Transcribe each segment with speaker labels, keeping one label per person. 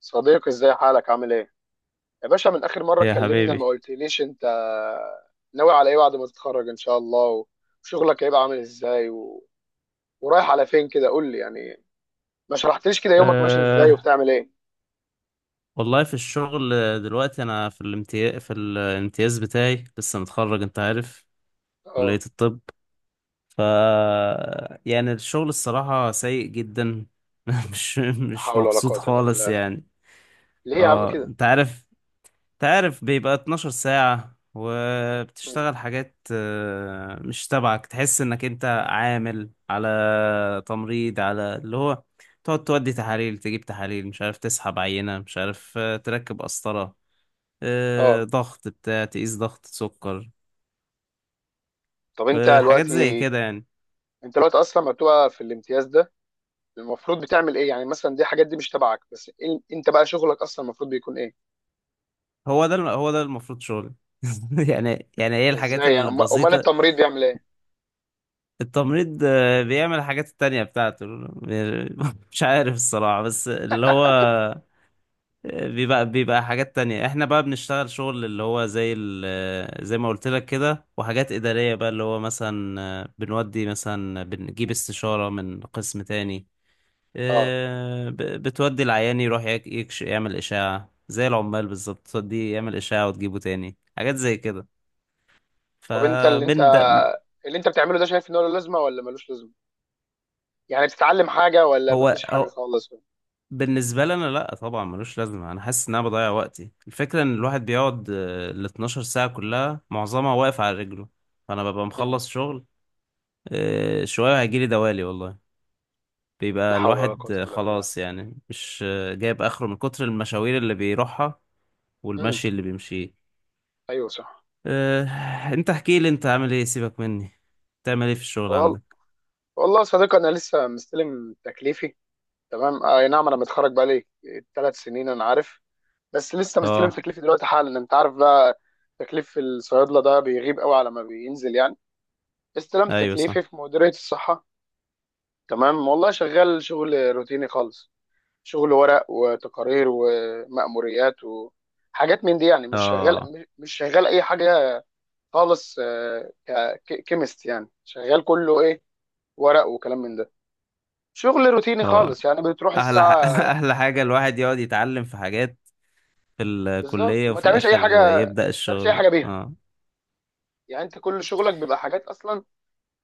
Speaker 1: صديقي، ازاي حالك؟ عامل ايه يا باشا؟ من اخر مره
Speaker 2: يا
Speaker 1: اتكلمنا ما
Speaker 2: حبيبي.
Speaker 1: قلتليش انت ناوي على ايه بعد ما تتخرج ان شاء الله، وشغلك هيبقى عامل ازاي ورايح على فين كده؟ قول لي يعني، ما شرحتليش كده يومك ماشي ازاي
Speaker 2: أه
Speaker 1: وبتعمل ايه.
Speaker 2: والله في الشغل دلوقتي انا في الامتياز بتاعي، لسه متخرج، انت عارف، كلية
Speaker 1: اه.
Speaker 2: الطب. ف يعني الشغل الصراحة سيء جدا. مش
Speaker 1: لا
Speaker 2: مش
Speaker 1: حول ولا
Speaker 2: مبسوط
Speaker 1: قوه الا
Speaker 2: خالص
Speaker 1: بالله.
Speaker 2: يعني.
Speaker 1: ليه يا عم
Speaker 2: اه
Speaker 1: كده؟
Speaker 2: انت عارف، تعرف بيبقى 12 ساعة
Speaker 1: مم.
Speaker 2: وبتشتغل حاجات مش تبعك، تحس انك انت عامل على تمريض، على اللي هو تقعد تودي تحاليل، تجيب تحاليل، مش عارف تسحب عينة، مش عارف تركب قسطرة،
Speaker 1: اه.
Speaker 2: ضغط بتاع، تقيس ضغط سكر،
Speaker 1: طب انت
Speaker 2: حاجات زي
Speaker 1: دلوقتي
Speaker 2: كده يعني.
Speaker 1: انت دلوقتي اصلا لما بتبقى في الامتياز ده المفروض بتعمل ايه؟ يعني مثلا دي حاجات دي مش تبعك، بس انت بقى شغلك اصلا المفروض بيكون ايه؟
Speaker 2: هو ده المفروض شغل. يعني هي الحاجات
Speaker 1: ازاي يعني؟ امال
Speaker 2: البسيطة.
Speaker 1: التمريض بيعمل ايه؟
Speaker 2: التمريض بيعمل الحاجات التانية بتاعته. مش عارف الصراحة، بس اللي هو بيبقى حاجات تانية. احنا بقى بنشتغل شغل اللي هو زي زي ما قلت لك كده، وحاجات إدارية بقى اللي هو مثلا، بنودي مثلا، بنجيب استشارة من قسم تاني،
Speaker 1: اه.
Speaker 2: آه، ب- بتودي العيان يروح يك- يكش يعمل إشاعة زي العمال بالظبط، توديه يعمل إشاعة وتجيبه تاني، حاجات زي كده.
Speaker 1: طب انت اللي
Speaker 2: فبين
Speaker 1: انت
Speaker 2: ده،
Speaker 1: اللي انت بتعمله ده شايف ان هو له لازمه ولا ملوش لازمه؟ يعني بتتعلم حاجه ولا مفيش حاجه
Speaker 2: هو
Speaker 1: خالص؟
Speaker 2: بالنسبة لي أنا لأ طبعا، ملوش لازمة. أنا حاسس إن أنا بضيع وقتي. الفكرة إن الواحد بيقعد ال 12 ساعة كلها، معظمها واقف على رجله. فأنا ببقى
Speaker 1: مم.
Speaker 2: مخلص شغل، شوية هيجيلي دوالي والله.
Speaker 1: لا
Speaker 2: بيبقى
Speaker 1: حول ولا
Speaker 2: الواحد
Speaker 1: قوه الا بالله.
Speaker 2: خلاص يعني، مش جايب آخره من كتر المشاوير اللي بيروحها
Speaker 1: امم.
Speaker 2: والمشي اللي بيمشيه.
Speaker 1: ايوه صح.
Speaker 2: آه، أنت احكي لي، أنت عامل إيه، سيبك مني، بتعمل إيه في الشغل
Speaker 1: وال...
Speaker 2: عندك؟
Speaker 1: والله يا صديقي، انا لسه مستلم تكليفي. تمام، اي نعم انا متخرج بقالي 3 سنين، انا عارف. بس لسه مستلم
Speaker 2: أه.
Speaker 1: تكليفي دلوقتي حالا. انت عارف بقى تكليف الصيادله ده بيغيب قوي على ما بينزل يعني. استلمت
Speaker 2: أيوه
Speaker 1: تكليفي
Speaker 2: صح.
Speaker 1: في مديريه الصحه. تمام، والله شغال شغل روتيني خالص. شغل ورق وتقارير ومأموريات وحاجات من دي، يعني مش شغال،
Speaker 2: أه.
Speaker 1: مش شغال اي حاجه خالص. كيمست يعني شغال كله ايه؟ ورق وكلام من ده. شغل روتيني
Speaker 2: أه.
Speaker 1: خالص. يعني بتروح
Speaker 2: أحلى ح-
Speaker 1: الساعه
Speaker 2: أحلى حاجة الواحد يقعد يتعلم في حاجات في
Speaker 1: بالظبط
Speaker 2: الكلية،
Speaker 1: وما
Speaker 2: وفي
Speaker 1: تعملش اي حاجه.
Speaker 2: الآخر يبدأ
Speaker 1: ما تعملش اي
Speaker 2: الشغل.
Speaker 1: حاجه بيها.
Speaker 2: اه.
Speaker 1: يعني انت كل شغلك بيبقى حاجات اصلا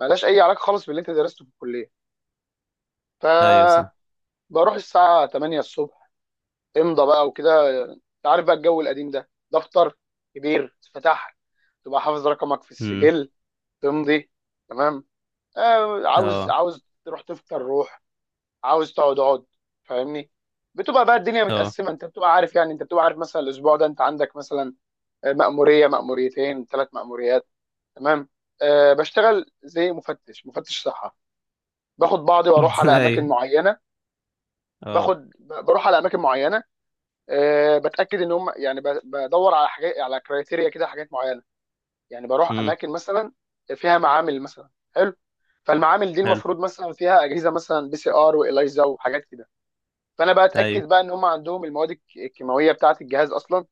Speaker 1: مالهاش اي علاقه خالص باللي انت درسته في الكليه.
Speaker 2: أيوة صح.
Speaker 1: فبروح الساعه 8 الصبح، امضى بقى وكده. انت عارف بقى الجو القديم ده، دفتر كبير تفتح، تبقى حافظ رقمك في
Speaker 2: امم.
Speaker 1: السجل، تمضي، تمام. آه، عاوز
Speaker 2: اه.
Speaker 1: عاوز تروح تفطر روح، عاوز تقعد اقعد، فاهمني؟ بتبقى بقى الدنيا
Speaker 2: اه.
Speaker 1: متقسمه. انت بتبقى عارف، يعني انت بتبقى عارف مثلا الاسبوع ده انت عندك مثلا مأموريه، مأموريتين، ثلاث مأموريات، تمام. أه بشتغل زي مفتش صحه، باخد بعضي واروح على اماكن
Speaker 2: أيوة.
Speaker 1: معينه.
Speaker 2: اه.
Speaker 1: بروح على اماكن معينه. أه بتاكد ان هم، يعني بدور على حاجات، على كرايتيريا كده، حاجات معينه. يعني بروح
Speaker 2: امم.
Speaker 1: اماكن مثلا فيها معامل مثلا. حلو. فالمعامل دي
Speaker 2: حلو.
Speaker 1: المفروض مثلا فيها اجهزه مثلا بي سي ار واليزا وحاجات كده. فانا بقى
Speaker 2: أيوة.
Speaker 1: اتاكد بقى ان هم عندهم المواد الكيماويه بتاعه الجهاز اصلا،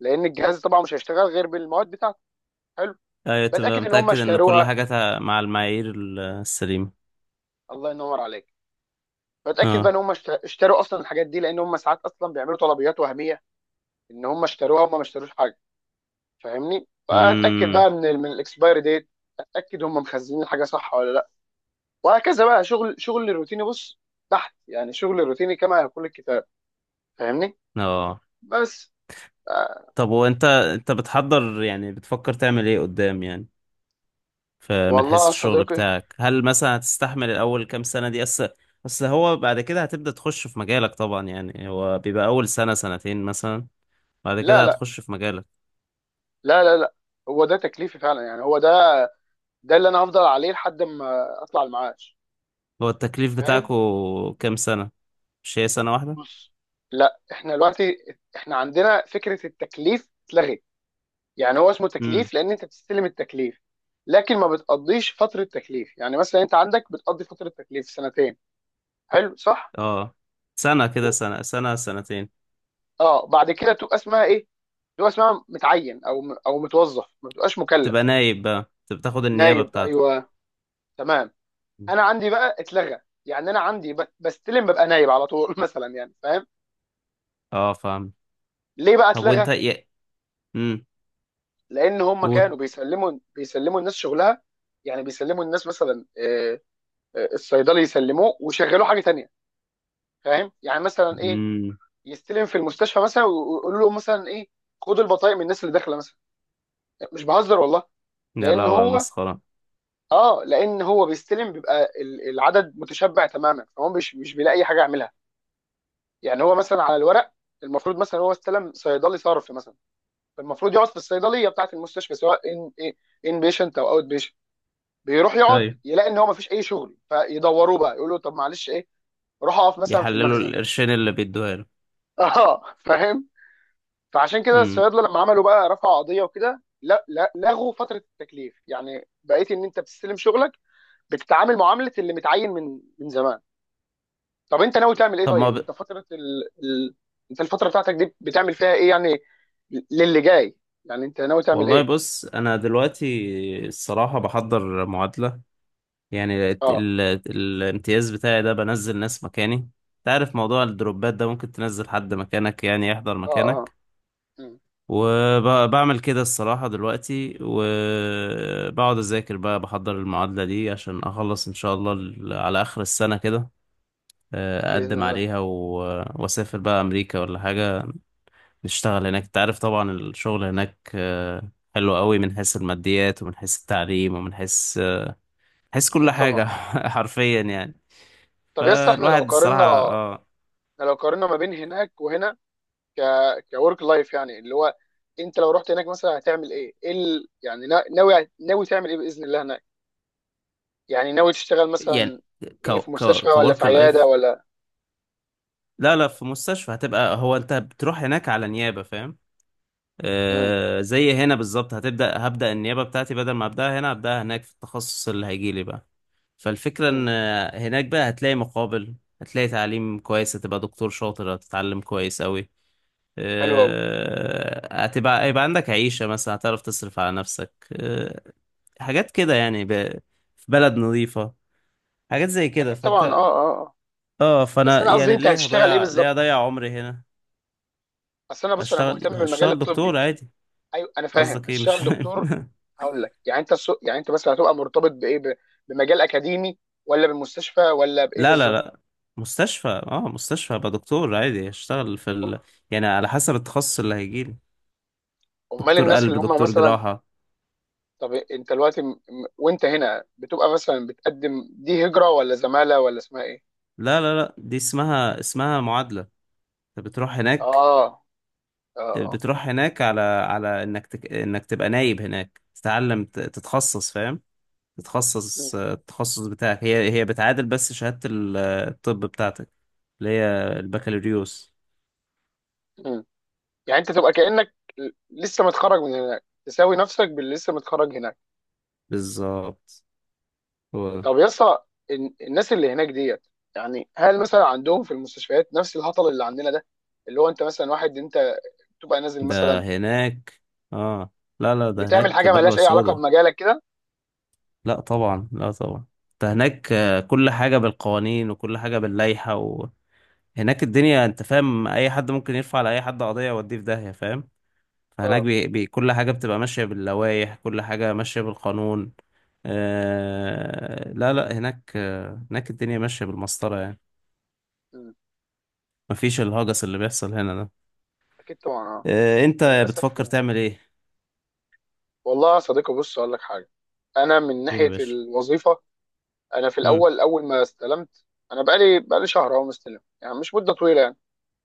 Speaker 1: لان الجهاز طبعا مش هيشتغل غير بالمواد بتاعته. حلو.
Speaker 2: أيوة تبقى
Speaker 1: بتاكد ان هم
Speaker 2: متأكد إن كل
Speaker 1: اشتروها.
Speaker 2: حاجة مع المعايير السليمة.
Speaker 1: الله ينور عليك. بتاكد بقى
Speaker 2: اه.
Speaker 1: ان هم اشتروا اصلا الحاجات دي، لان هم ساعات اصلا بيعملوا طلبيات وهميه، ان هم اشتروها هم ما اشتروش حاجه. فاهمني؟ فاتاكد
Speaker 2: امم.
Speaker 1: بقى من الاكسبايري ديت، اتاكد هم مخزنين الحاجه صح ولا لا. وهكذا بقى، شغل الروتيني بص تحت. يعني شغل الروتيني كما يقول الكتاب. فاهمني؟
Speaker 2: اه.
Speaker 1: بس. آه.
Speaker 2: طب وأنت، أنت بتحضر يعني، بتفكر تعمل إيه قدام يعني؟ فمن
Speaker 1: والله
Speaker 2: حيث
Speaker 1: يا
Speaker 2: الشغل
Speaker 1: صديقي،
Speaker 2: بتاعك، هل مثلا هتستحمل الأول كام سنة دي؟ أصل، أصل هو بعد كده هتبدأ تخش في مجالك طبعا يعني. هو بيبقى أول سنة سنتين مثلا، بعد
Speaker 1: لا
Speaker 2: كده
Speaker 1: لا
Speaker 2: هتخش في مجالك.
Speaker 1: لا لا لا، هو ده تكليفي فعلا. يعني هو ده، ده اللي انا هفضل عليه لحد ما اطلع المعاش،
Speaker 2: هو التكليف
Speaker 1: فاهم؟
Speaker 2: بتاعكو كام سنة؟ مش هي سنة واحدة؟
Speaker 1: بص. لا، احنا عندنا فكرة التكليف اتلغت. يعني هو اسمه
Speaker 2: امم.
Speaker 1: تكليف لان انت بتستلم التكليف، لكن ما بتقضيش فترة تكليف. يعني مثلا انت عندك بتقضي فترة تكليف سنتين، حلو صح؟
Speaker 2: اه. سنة كده،
Speaker 1: و-
Speaker 2: سنة سنة سنتين.
Speaker 1: اه بعد كده تبقى اسمها ايه؟ في هو اسمها متعين او متوظف، ما بتبقاش
Speaker 2: تبقى
Speaker 1: مكلف.
Speaker 2: نايب بقى، تبقى تاخد النيابة
Speaker 1: نايب،
Speaker 2: بتاعتك.
Speaker 1: ايوه تمام.
Speaker 2: مم.
Speaker 1: انا عندي بقى اتلغى، يعني انا عندي بستلم ببقى نايب على طول مثلا، يعني فاهم؟
Speaker 2: اه فاهم.
Speaker 1: ليه بقى
Speaker 2: طب وانت
Speaker 1: اتلغى؟
Speaker 2: يا، امم.
Speaker 1: لان هم
Speaker 2: قول.
Speaker 1: كانوا بيسلموا الناس شغلها. يعني بيسلموا الناس مثلا، الصيدلي يسلموه ويشغلوه حاجه تانية. فاهم يعني مثلا ايه؟
Speaker 2: امم.
Speaker 1: يستلم في المستشفى مثلا ويقولوا له مثلا ايه، خد البطايق من الناس اللي داخله مثلا. مش بهزر والله.
Speaker 2: يا
Speaker 1: لان
Speaker 2: لهوي على
Speaker 1: هو
Speaker 2: المسخرة.
Speaker 1: اه لان هو بيستلم، بيبقى العدد متشبع تماما، فهو مش بيلاقي حاجه يعملها. يعني هو مثلا على الورق المفروض مثلا هو استلم صيدلي صرف مثلا، فالمفروض يقعد في الصيدليه بتاعه المستشفى، سواء ان بيشنت او اوت بيشنت. بيروح يقعد
Speaker 2: ايوه.
Speaker 1: يلاقي ان هو مفيش اي شغل، فيدوروه بقى يقولوا طب معلش ايه، روح اقف مثلا في
Speaker 2: يحللوا
Speaker 1: المخزن.
Speaker 2: القرشين اللي بيدوها له.
Speaker 1: اه فاهم. فعشان كده
Speaker 2: امم.
Speaker 1: الصيادله لما عملوا بقى، رفعوا قضيه وكده، لا لا، لغوا فتره التكليف. يعني بقيت ان انت بتستلم شغلك، بتتعامل معامله اللي متعين من زمان. طب انت ناوي تعمل ايه؟
Speaker 2: طب ما
Speaker 1: طيب
Speaker 2: ب...
Speaker 1: انت فتره ال... ال... انت الفتره بتاعتك دي بتعمل فيها ايه يعني؟ للي جاي، يعني انت ناوي تعمل
Speaker 2: والله
Speaker 1: ايه؟
Speaker 2: بص، انا دلوقتي الصراحة بحضر معادلة، يعني
Speaker 1: اه
Speaker 2: ال... الامتياز بتاعي ده بنزل ناس مكاني. تعرف موضوع الدروبات ده، ممكن تنزل حد مكانك يعني يحضر
Speaker 1: اه اه اه.
Speaker 2: مكانك،
Speaker 1: مم.
Speaker 2: وبعمل كده الصراحة دلوقتي. وبقعد أذاكر بقى، بحضر المعادلة دي عشان أخلص إن شاء الله على آخر السنة كده،
Speaker 1: باذن
Speaker 2: أقدم
Speaker 1: الله.
Speaker 2: عليها، وأسافر بقى أمريكا ولا حاجة، نشتغل هناك. تعرف طبعا الشغل هناك حلو قوي، من حيث الماديات، ومن حيث التعليم، ومن حيث حيث كل
Speaker 1: اكيد طبعا.
Speaker 2: حاجة. حرفيا يعني.
Speaker 1: طب يس، احنا لو
Speaker 2: فالواحد
Speaker 1: قارنا،
Speaker 2: الصراحة، اه
Speaker 1: ما بين هناك وهنا، ك كورك لايف. يعني اللي هو انت لو رحت هناك مثلا هتعمل ايه؟ يعني ناوي تعمل ايه باذن الله هناك؟ يعني ناوي تشتغل
Speaker 2: يعني
Speaker 1: مثلا
Speaker 2: ك
Speaker 1: ايه، في
Speaker 2: ك
Speaker 1: مستشفى ولا في
Speaker 2: كورك
Speaker 1: عياده
Speaker 2: لايف.
Speaker 1: ولا؟
Speaker 2: لا لا، في مستشفى. هتبقى، هو انت بتروح هناك على نيابة، فاهم؟ آه زي هنا بالظبط، هتبدأ، هبدأ النيابة بتاعتي. بدل ما ابدأها هنا هبدأها هناك، في التخصص اللي هيجيلي بقى. فالفكرة ان
Speaker 1: امم.
Speaker 2: هناك بقى هتلاقي مقابل، هتلاقي تعليم كويس، هتبقى دكتور شاطر، هتتعلم كويس قوي،
Speaker 1: حلو قوي.
Speaker 2: آه، هتبقى هيبقى عندك عيشة مثلا، هتعرف تصرف على نفسك، حاجات كده يعني، في بلد نظيفة، حاجات زي كده.
Speaker 1: اكيد طبعا، اه
Speaker 2: فانت،
Speaker 1: اه اه.
Speaker 2: اه
Speaker 1: بس
Speaker 2: فانا
Speaker 1: انا قصدي
Speaker 2: يعني،
Speaker 1: انت هتشتغل ايه
Speaker 2: ليه
Speaker 1: بالظبط؟
Speaker 2: هضيع عمري هنا؟
Speaker 1: اصل انا بص انا مهتم
Speaker 2: اشتغل،
Speaker 1: بالمجال
Speaker 2: اشتغل دكتور
Speaker 1: الطبي.
Speaker 2: عادي.
Speaker 1: ايوه انا فاهم
Speaker 2: قصدك ايه مش
Speaker 1: هتشتغل
Speaker 2: فاهم؟
Speaker 1: دكتور. هقول لك يعني انت السوق، يعني انت مثلا هتبقى مرتبط بايه، بمجال اكاديمي ولا بالمستشفى ولا بايه
Speaker 2: لا لا
Speaker 1: بالظبط؟
Speaker 2: لا مستشفى، اه مستشفى، ابقى دكتور عادي، اشتغل في يعني على حسب التخصص اللي هيجيلي،
Speaker 1: امال
Speaker 2: دكتور
Speaker 1: الناس اللي
Speaker 2: قلب
Speaker 1: هم
Speaker 2: دكتور
Speaker 1: مثلا.
Speaker 2: جراحة.
Speaker 1: طب انت دلوقتي وانت هنا بتبقى مثلا بتقدم دي هجرة ولا زمالة ولا اسمها ايه؟
Speaker 2: لا دي اسمها معادلة. انت بتروح هناك،
Speaker 1: اه اه اه.
Speaker 2: على انك انك تبقى نايب هناك، تتعلم تتخصص فاهم؟
Speaker 1: م-
Speaker 2: تتخصص التخصص بتاعك. هي بتعادل بس شهادة الطب بتاعتك اللي هي البكالوريوس.
Speaker 1: م. يعني انت تبقى كأنك لسه متخرج من هناك، تساوي نفسك باللي لسه متخرج هناك.
Speaker 2: بالظبط، هو ده.
Speaker 1: طب يا اسطى، الناس اللي هناك ديت، يعني هل مثلا عندهم في المستشفيات نفس الهطل اللي عندنا ده؟ اللي هو انت مثلا واحد انت تبقى نازل
Speaker 2: ده
Speaker 1: مثلا
Speaker 2: هناك، اه. لا ده
Speaker 1: بتعمل
Speaker 2: هناك
Speaker 1: حاجه
Speaker 2: بلوى
Speaker 1: مالهاش اي علاقه
Speaker 2: سودا.
Speaker 1: بمجالك كده.
Speaker 2: لا طبعا، لا طبعا. ده هناك كل حاجة بالقوانين وكل حاجة باللائحة، وهناك الدنيا انت فاهم، اي حد ممكن يرفع على اي حد قضية، يوديه في داهية فاهم؟ فهناك
Speaker 1: اه.
Speaker 2: كل حاجة بتبقى ماشية باللوائح، كل حاجة ماشية بالقانون. لا هناك، هناك الدنيا ماشية بالمسطرة يعني،
Speaker 1: مم.
Speaker 2: مفيش الهجس اللي بيحصل هنا ده.
Speaker 1: اكيد طبعا، اه.
Speaker 2: انت
Speaker 1: وللاسف.
Speaker 2: بتفكر تعمل ايه؟
Speaker 1: والله يا صديقي، بص اقول لك حاجه. انا من
Speaker 2: قول يا
Speaker 1: ناحيه
Speaker 2: باشا.
Speaker 1: الوظيفه، انا في
Speaker 2: امم.
Speaker 1: الاول اول ما استلمت، انا بقالي شهر اهو مستلم، يعني مش مده طويله يعني.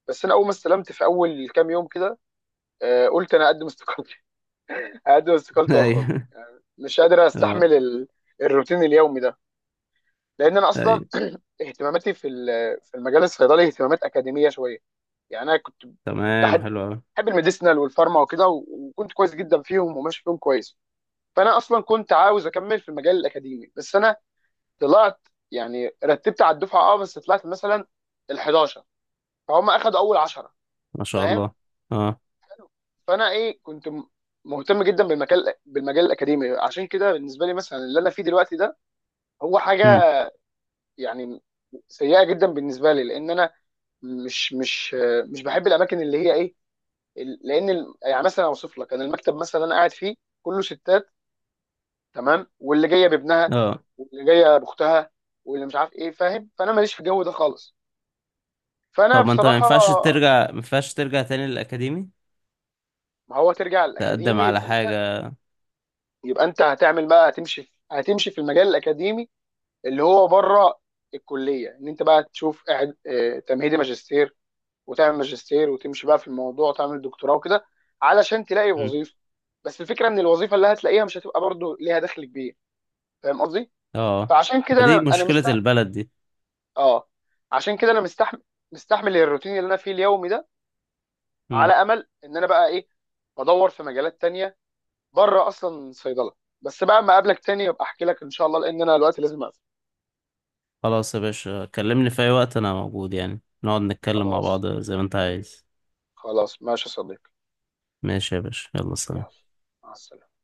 Speaker 1: بس انا اول ما استلمت في اول كام يوم كده، قلت انا اقدم استقالتي. اقدم استقالتي واخرج.
Speaker 2: ايوه.
Speaker 1: مش قادر
Speaker 2: اه.
Speaker 1: استحمل الروتين اليومي ده. لان انا اصلا
Speaker 2: ايوه.
Speaker 1: اهتماماتي في المجال الصيدلي اهتمامات اكاديميه شويه. يعني انا كنت
Speaker 2: تمام
Speaker 1: بحب
Speaker 2: حلو قوي.
Speaker 1: بحب الميديسنال والفارما وكده، وكنت كويس جدا فيهم وماشي فيهم كويس. فانا اصلا كنت عاوز اكمل في المجال الاكاديمي، بس انا طلعت، يعني رتبت على الدفعه. اه بس طلعت مثلا ال 11، فهم اخدوا اول 10،
Speaker 2: ما شاء
Speaker 1: فاهم.
Speaker 2: الله. اه.
Speaker 1: فانا ايه، كنت مهتم جدا بالمجال الاكاديمي. عشان كده بالنسبه لي مثلا اللي انا فيه دلوقتي ده هو حاجه
Speaker 2: امم.
Speaker 1: يعني سيئه جدا بالنسبه لي، لان انا مش مش مش بحب الاماكن اللي هي ايه. يعني مثلا اوصف لك، انا المكتب مثلا انا قاعد فيه كله ستات، تمام، واللي جايه بابنها
Speaker 2: اه.
Speaker 1: واللي جايه باختها واللي مش عارف ايه، فاهم؟ فانا ماليش في الجو ده خالص. فانا
Speaker 2: طب ما انت ما
Speaker 1: بصراحه.
Speaker 2: ينفعش ترجع، ما ينفعش ترجع تاني للأكاديمي،
Speaker 1: ما هو ترجع
Speaker 2: تقدم
Speaker 1: الاكاديمي،
Speaker 2: على
Speaker 1: يبقى انت
Speaker 2: حاجة؟
Speaker 1: يبقى انت هتعمل بقى، هتمشي في المجال الاكاديمي اللي هو بره الكليه. ان انت بقى تشوف تمهيدي ماجستير وتعمل ماجستير وتمشي بقى في الموضوع وتعمل دكتوراه وكده، علشان تلاقي
Speaker 2: امم.
Speaker 1: وظيفه. بس الفكره ان الوظيفه اللي هتلاقيها مش هتبقى برضو ليها دخل كبير، فاهم قصدي؟
Speaker 2: اه.
Speaker 1: فعشان كده
Speaker 2: ما دي
Speaker 1: انا انا
Speaker 2: مشكلة
Speaker 1: مست
Speaker 2: البلد دي.
Speaker 1: اه عشان كده انا مستحمل، الروتين اللي انا فيه اليومي ده، على
Speaker 2: امم.
Speaker 1: امل ان انا بقى ايه بدور في مجالات تانية بره اصلا صيدله. بس بقى ما اقابلك تاني ابقى احكي لك ان شاء الله، لان انا دلوقتي لازم اقفل.
Speaker 2: خلاص يا باشا، كلمني في اي وقت، انا موجود يعني، نقعد نتكلم مع
Speaker 1: خلاص.
Speaker 2: بعض زي ما انت عايز.
Speaker 1: خلاص ماشي يا صديقي.
Speaker 2: ماشي يا باشا، يلا
Speaker 1: يلا
Speaker 2: سلام.
Speaker 1: مع السلامه.